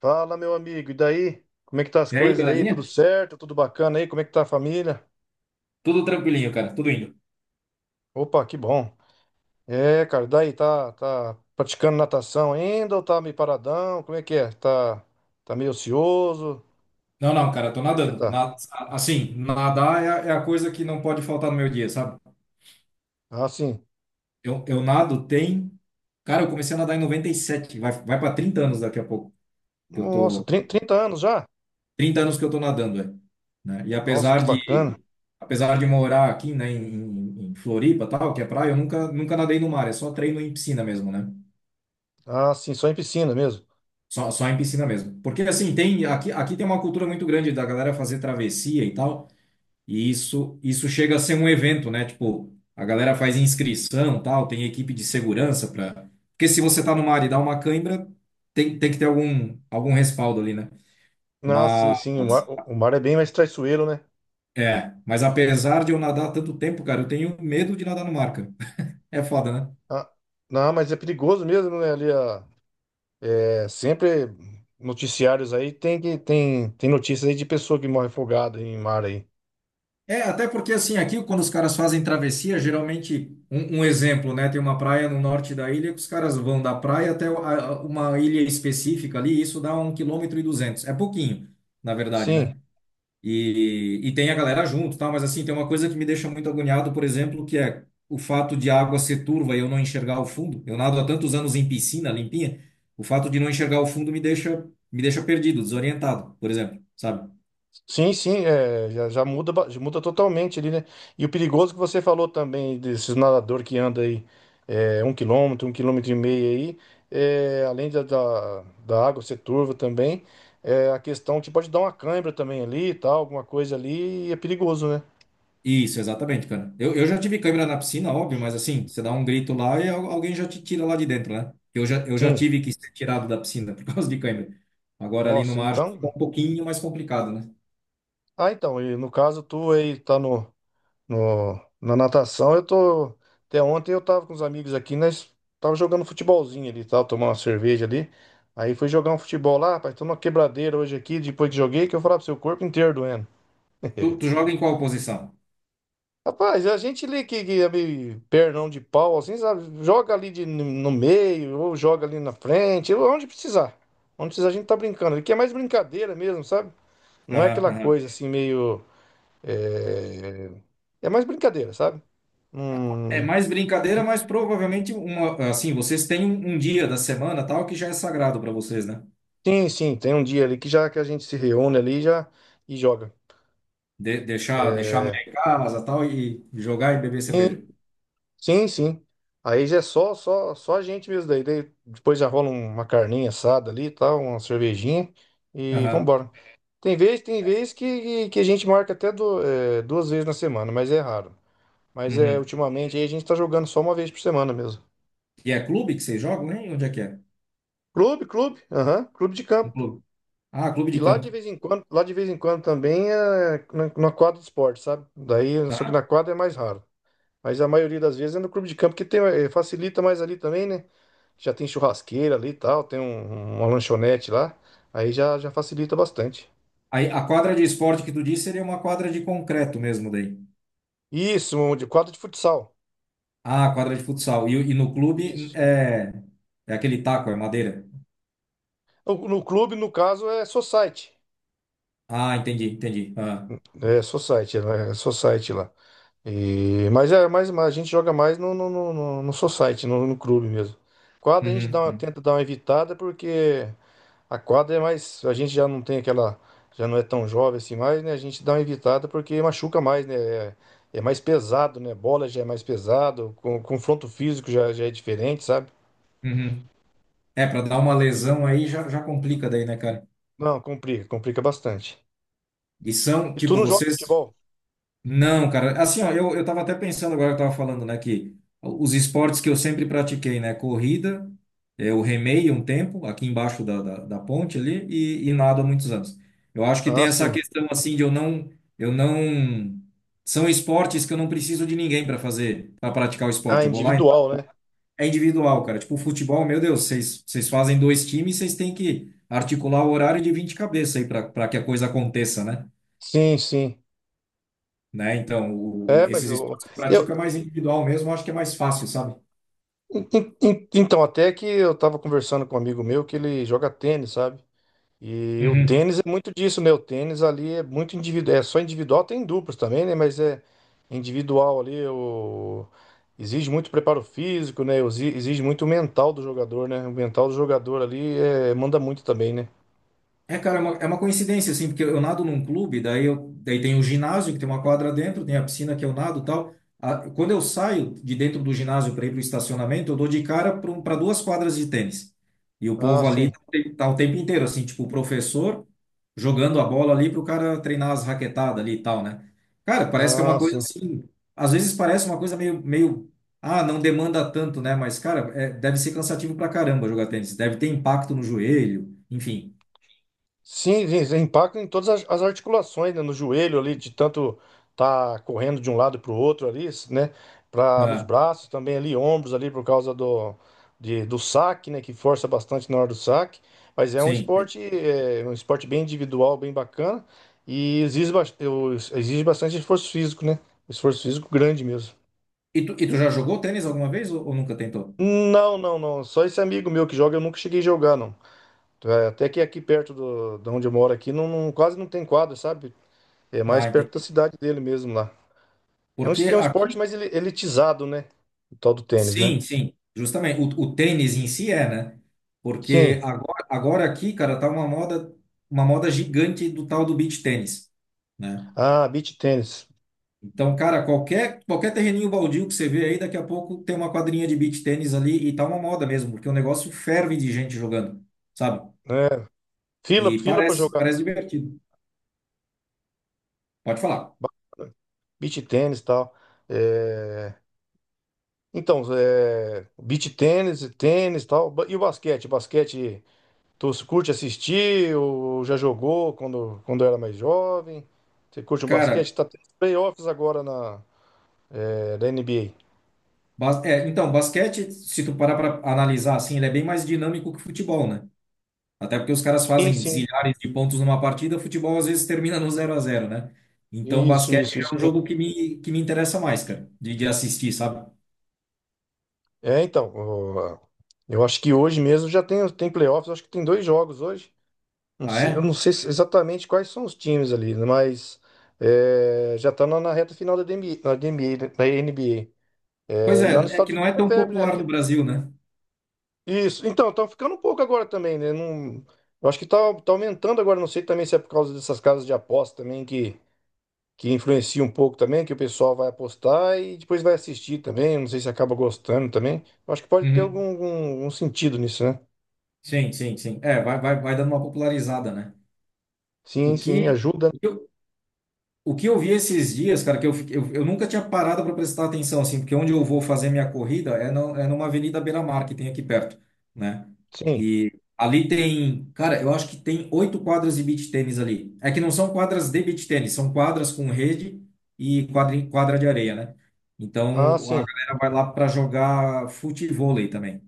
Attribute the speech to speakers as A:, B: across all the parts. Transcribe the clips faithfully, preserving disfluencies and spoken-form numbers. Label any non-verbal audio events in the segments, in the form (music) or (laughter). A: Fala, meu amigo, e daí? Como é que tá as
B: E aí,
A: coisas aí?
B: belezinha?
A: Tudo certo? Tudo bacana aí? Como é que tá a família?
B: Tudo tranquilinho, cara, tudo indo.
A: Opa, que bom. É, cara, daí tá, tá praticando natação ainda ou tá meio paradão? Como é que é? Tá, tá meio ocioso?
B: Não, não, cara, eu tô
A: Como é que você
B: nadando.
A: tá?
B: Na- assim, nadar é, a é a coisa que não pode faltar no meu dia, sabe?
A: Ah, sim.
B: Eu, eu nado tem. Cara, eu comecei a nadar em noventa e sete. vai, vai para trinta anos daqui a pouco. Que Eu
A: Nossa,
B: tô
A: trinta, trinta anos já?
B: Trinta anos que eu tô nadando, é, né? E
A: Nossa, que
B: apesar
A: bacana.
B: de apesar de morar aqui, né, em, em, em Floripa, tal, que é praia, eu nunca nunca nadei no mar, é só treino em piscina mesmo, né?
A: Ah, sim, só em piscina mesmo.
B: Só, só em piscina mesmo. Porque assim, tem aqui aqui tem uma cultura muito grande da galera fazer travessia e tal. E isso, isso chega a ser um evento, né? Tipo, a galera faz inscrição, tal, tem equipe de segurança para. Porque se você tá no mar e dá uma cãibra, tem, tem que ter algum, algum respaldo ali, né?
A: Ah, sim, sim, o mar,
B: Mas,
A: o mar é bem mais traiçoeiro, né?
B: é, mas apesar de eu nadar tanto tempo, cara, eu tenho medo de nadar no mar, cara. (laughs) É foda, né?
A: Ah, não, mas é perigoso mesmo, né? Ali a, É sempre noticiários aí tem que tem tem notícias aí de pessoa que morre afogada em mar aí.
B: É, até porque assim, aqui quando os caras fazem travessia, geralmente, um, um exemplo, né? Tem uma praia no norte da ilha que os caras vão da praia até a- a- uma ilha específica ali, e isso dá um quilômetro e duzentos. É pouquinho, na verdade,
A: Sim,
B: né? E, e tem a galera junto, tá? Mas assim, tem uma coisa que me deixa muito agoniado, por exemplo, que é o fato de a água ser turva e eu não enxergar o fundo. Eu nado há tantos anos em piscina limpinha, o fato de não enxergar o fundo me deixa, me deixa perdido, desorientado, por exemplo, sabe?
A: sim, sim, é, já, já muda ba- já muda totalmente ali, né? E o perigoso que você falou também desses nadador que anda aí, é, um quilômetro, um quilômetro e meio aí, é, além da, da, da água ser turva também, é, a questão que pode dar uma cãibra também ali, e tal, alguma coisa ali, e é perigoso, né?
B: Isso, exatamente, cara. Eu, eu já tive câmera na piscina, óbvio, mas assim, você dá um grito lá e al- alguém já te tira lá de dentro, né? Eu já, eu já
A: Sim.
B: tive que ser tirado da piscina (laughs) por causa de câmera. Agora ali no
A: Nossa,
B: mar fica
A: então.
B: um pouquinho mais complicado, né?
A: Ah, então, e no caso tu aí tá no No, na natação eu tô. Até ontem eu tava com os amigos aqui, nós tava jogando futebolzinho ali, e tal, tomando uma cerveja ali. Aí fui jogar um futebol lá, rapaz, tô numa quebradeira hoje aqui, depois que joguei, que eu falava pro seu corpo inteiro doendo.
B: Tu,
A: (laughs)
B: tu joga em qual posição?
A: Rapaz, a gente ali que, que é meio pernão de pau, assim, sabe? Joga ali de, no meio, ou joga ali na frente, ou onde precisar. Onde precisar a gente tá brincando. Aqui é mais brincadeira mesmo, sabe? Não é
B: Aham,
A: aquela
B: aham.
A: coisa assim meio. É, é mais brincadeira, sabe?
B: É
A: Hum.
B: mais brincadeira, mas provavelmente uma, assim, vocês têm um, um dia da semana tal que já é sagrado para vocês, né?
A: Sim, sim, tem um dia ali que já que a gente se reúne ali e já e joga.
B: De- deixar, deixar a
A: É,
B: mulher em casa tal e jogar e beber cerveja.
A: sim, sim, sim. Aí já é só, só, só a gente mesmo daí. Daí depois já rola um, uma carninha assada ali, e tal, uma cervejinha e
B: Aham.
A: vambora. Tem vez, tem vez que, que a gente marca até do- é, duas vezes na semana, mas é raro. Mas é
B: Uhum.
A: ultimamente aí a gente tá jogando só uma vez por semana mesmo.
B: E é clube que vocês jogam, né? Onde é que é?
A: Clube, clube, aham, clube de
B: Um
A: campo.
B: clube. Ah, clube
A: E
B: de
A: lá de
B: campo.
A: vez em quando, lá de vez em quando também é na, na quadra de esporte, sabe? Daí, só que na
B: Aham.
A: quadra é mais raro. Mas a maioria das vezes é no clube de campo, que tem, eh, facilita mais ali também, né? Já tem churrasqueira ali e tal, tem um- uma lanchonete lá. Aí já, já facilita bastante.
B: Aí a quadra de esporte que tu disse seria uma quadra de concreto mesmo daí.
A: Isso, um de quadro de futsal.
B: Ah, quadra de futsal. E, o- e no clube
A: Isso.
B: é, é aquele taco, é madeira.
A: No, no clube, no caso, é society.
B: Ah, entendi, entendi. Aham.
A: É society, né? É society lá. E, mas, é, mas, mas a gente joga mais no, no, no, no no society, no, no clube mesmo. Quadra a gente
B: Uhum.
A: dá uma-
B: Uhum.
A: tenta dar uma evitada porque. A quadra é mais. A gente já não tem aquela. Já não é tão jovem assim mais, né? A gente dá uma evitada porque machuca mais, né? É, é mais pesado, né? Bola já é mais pesado, com, confronto físico já, já é diferente, sabe?
B: Uhum. É, para dar uma lesão aí já, já complica daí, né, cara?
A: Não, complica, complica bastante.
B: E são,
A: E tu
B: tipo,
A: não joga
B: vocês.
A: futebol?
B: Não, cara. Assim, ó, eu, eu tava até pensando agora, eu tava falando, né, que os esportes que eu sempre pratiquei, né, corrida, é, eu remei um tempo, aqui embaixo da, da, da ponte ali, e, e nado há muitos anos. Eu acho que tem
A: Ah,
B: essa
A: sim.
B: questão, assim, de eu não. Eu não. São esportes que eu não preciso de ninguém para fazer, para praticar o
A: Ah,
B: esporte. Eu vou lá e.
A: individual,
B: Nado.
A: né?
B: É individual, cara. Tipo, futebol, meu Deus, vocês vocês fazem dois times, vocês têm que articular o horário de vinte cabeças aí para para que a coisa aconteça, né?
A: Sim, sim.
B: né? Então, o-
A: É, mas
B: esses
A: eu,
B: esportes que eu
A: eu
B: pratico é mais individual mesmo, eu acho que é mais fácil, sabe?
A: en- en- en- então até que eu tava conversando com um amigo meu que ele joga tênis, sabe? E o
B: Uhum.
A: tênis é muito disso, né? O tênis ali é muito individual, é só individual, tem duplos também, né? Mas é individual ali. O... exige muito preparo físico, né? Exi- Exige muito o mental do jogador, né? O mental do jogador ali é... manda muito também, né?
B: É, cara, é uma, é uma coincidência, assim, porque eu nado num clube, daí, eu, daí tem o ginásio, que tem uma quadra dentro, tem a piscina que eu nado e tal. Ah, quando eu saio de dentro do ginásio para ir para o estacionamento, eu dou de cara para duas quadras de tênis. E o
A: Ah,
B: povo ali
A: sim.
B: tá, o te- tá o tempo inteiro, assim, tipo, o professor jogando a bola ali para o cara treinar as raquetadas ali e tal, né? Cara, parece que é
A: Ah,
B: uma coisa
A: sim.
B: assim, às vezes parece uma coisa meio, meio, ah, não demanda tanto, né? Mas, cara, é- deve ser cansativo pra caramba jogar tênis, deve ter impacto no joelho, enfim.
A: Sim, sim, impacta em todas as, as articulações, né? No joelho ali, de tanto tá correndo de um lado para o outro ali, né? Pra, nos braços também ali, ombros ali, por causa do, de, do saque, né? Que força bastante na hora do saque. Mas é um
B: Sim, sim.
A: esporte, é, um esporte bem individual, bem bacana. E exige, bas- eu- exige bastante esforço físico, né? Esforço físico grande mesmo.
B: E tu, e tu já jogou tênis alguma vez ou, ou nunca tentou?
A: Não, não, não. Só esse amigo meu que joga, eu nunca cheguei a jogar, não. É, até que aqui perto do, de onde eu moro aqui, não, não- quase não tem quadra, sabe? É mais
B: Ah,
A: perto da
B: entendi.
A: cidade dele mesmo lá. É um,
B: Porque
A: es- é um esporte
B: aqui,
A: mais ele- elitizado, né? O tal do tênis, né?
B: sim, sim, justamente, o, o tênis em si é, né? Porque
A: Sim.
B: agora, agora aqui, cara, tá uma moda, uma moda, gigante do tal do beach tênis, né?
A: Ah, beach tênis.
B: Então, cara, qualquer, qualquer terreninho baldio que você vê aí, daqui a pouco tem uma quadrinha de beach tênis ali e tá uma moda mesmo, porque o negócio ferve de gente jogando, sabe?
A: É. Fila,
B: E
A: fila para
B: parece,
A: jogar.
B: parece divertido. Pode falar.
A: ba- Beach tênis e tal. É, Então, é... beach tênis, e tênis e tal. Ba- E o basquete? Basquete, tu curte assistir ou já jogou quando, quando era mais jovem? Você curte o
B: Cara,
A: basquete? Tá tendo playoffs agora na, é, da N B A.
B: Bas- é, então, basquete, se tu parar para analisar assim, ele é bem mais dinâmico que futebol, né? Até porque os caras
A: Sim,
B: fazem
A: sim.
B: zilhares de pontos numa partida, futebol às vezes termina no zero a zero, né? Então,
A: Isso,
B: basquete
A: isso, isso.
B: é um jogo que me, que me interessa mais, cara, de, de assistir, sabe?
A: É, então, o- eu acho que hoje mesmo já tem, tem playoffs, eu acho que tem dois jogos hoje. Não
B: Ah,
A: sei, eu
B: é?
A: não sei se- exatamente quais são os times ali, né, mas é, já tá na, na reta final da D N B da N B A, né, da N B A.
B: Pois
A: É, e lá nos
B: é, é
A: Estados
B: que não
A: Unidos
B: é
A: é
B: tão
A: febre, né?
B: popular no
A: Aquilo-
B: Brasil, né?
A: isso, então, tá ficando um pouco agora também, né? Não, eu acho que tá, tá aumentando agora, não sei também se é por causa dessas casas de aposta também que que influencia um pouco também, que o pessoal vai apostar e depois vai assistir também. Não sei se acaba gostando também. Eu acho que pode ter
B: Uhum.
A: algum, algum- algum sentido nisso, né?
B: Sim, sim, sim. É, vai, vai, vai dando uma popularizada, né? O
A: Sim, sim,
B: que,
A: ajuda.
B: O que eu vi esses dias, cara, que eu, fiquei- eu, eu nunca tinha parado para prestar atenção, assim, porque onde eu vou fazer minha corrida é, no, é numa avenida beira-mar que tem aqui perto, né?
A: Sim.
B: E ali tem, cara, eu acho que tem oito quadras de beach tênis ali. É que não são quadras de beach tênis, são quadras com rede e quadra, quadra de areia, né?
A: Ah,
B: Então a
A: sim.
B: galera vai lá para jogar futevôlei também,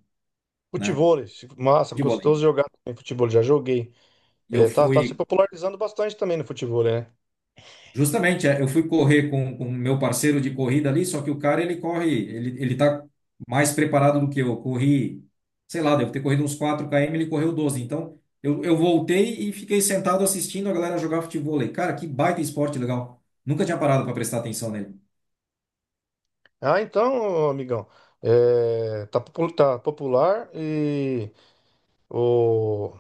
B: né?
A: Futebol, massa, gostoso
B: Futevôlei.
A: jogar também futebol, já joguei.
B: E eu
A: É, tá, tá se
B: fui.
A: popularizando bastante também no futebol, né?
B: Justamente, é, eu fui correr com com o meu parceiro de corrida ali, só que o cara, ele corre, ele, ele tá mais preparado do que eu. Eu corri, sei lá, deve ter corrido uns quatro km, ele correu doze. Então, eu, eu voltei e fiquei sentado assistindo a galera jogar futevôlei. Cara, que baita esporte legal. Nunca tinha parado para prestar atenção nele.
A: Ah, então, amigão, é, tá, popu- tá popular e o,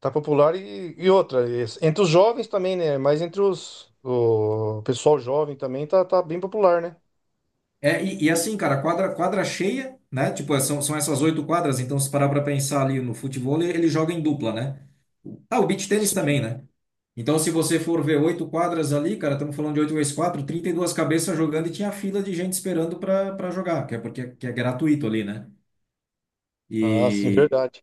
A: Tá popular e, e outra, es- entre os jovens também, né? Mas entre os, o pessoal jovem também tá, tá bem popular, né?
B: É, e, e assim, cara, quadra, quadra cheia, né? Tipo, é, são, são essas oito quadras, então se parar pra pensar ali no futebol, ele, ele joga em dupla, né? Ah, o beach tênis também,
A: Sim.
B: né? Então, se você for ver oito quadras ali, cara, estamos falando de oito vezes quatro, trinta e duas cabeças jogando e tinha fila de gente esperando pra para jogar, que é porque que é gratuito ali, né?
A: Ah, sim,
B: E
A: verdade.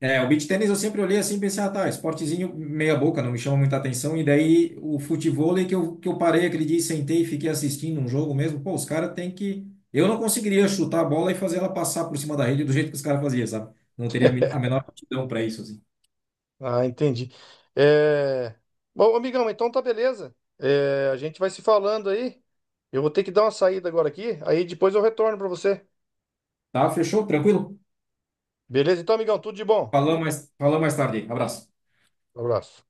B: é, o beach tênis eu sempre olhei assim e pensei, ah, tá, esportezinho meia boca, não me chama muita atenção. E daí o futevôlei que eu, que eu parei aquele dia e sentei e fiquei assistindo um jogo mesmo, pô, os caras têm que. Eu não conseguiria chutar a bola e fazer ela passar por cima da rede do jeito que os caras faziam, sabe? Não teria a men- a menor aptidão para isso, assim.
A: Ah, entendi. É... Bom, amigão, então tá beleza. É, a gente vai se falando aí. Eu vou ter que dar uma saída agora aqui, aí depois eu retorno pra você.
B: Tá, fechou? Tranquilo?
A: Beleza? Então, amigão, tudo de bom.
B: Falamos mais, falamos mais tarde. Abraço.
A: Abraço.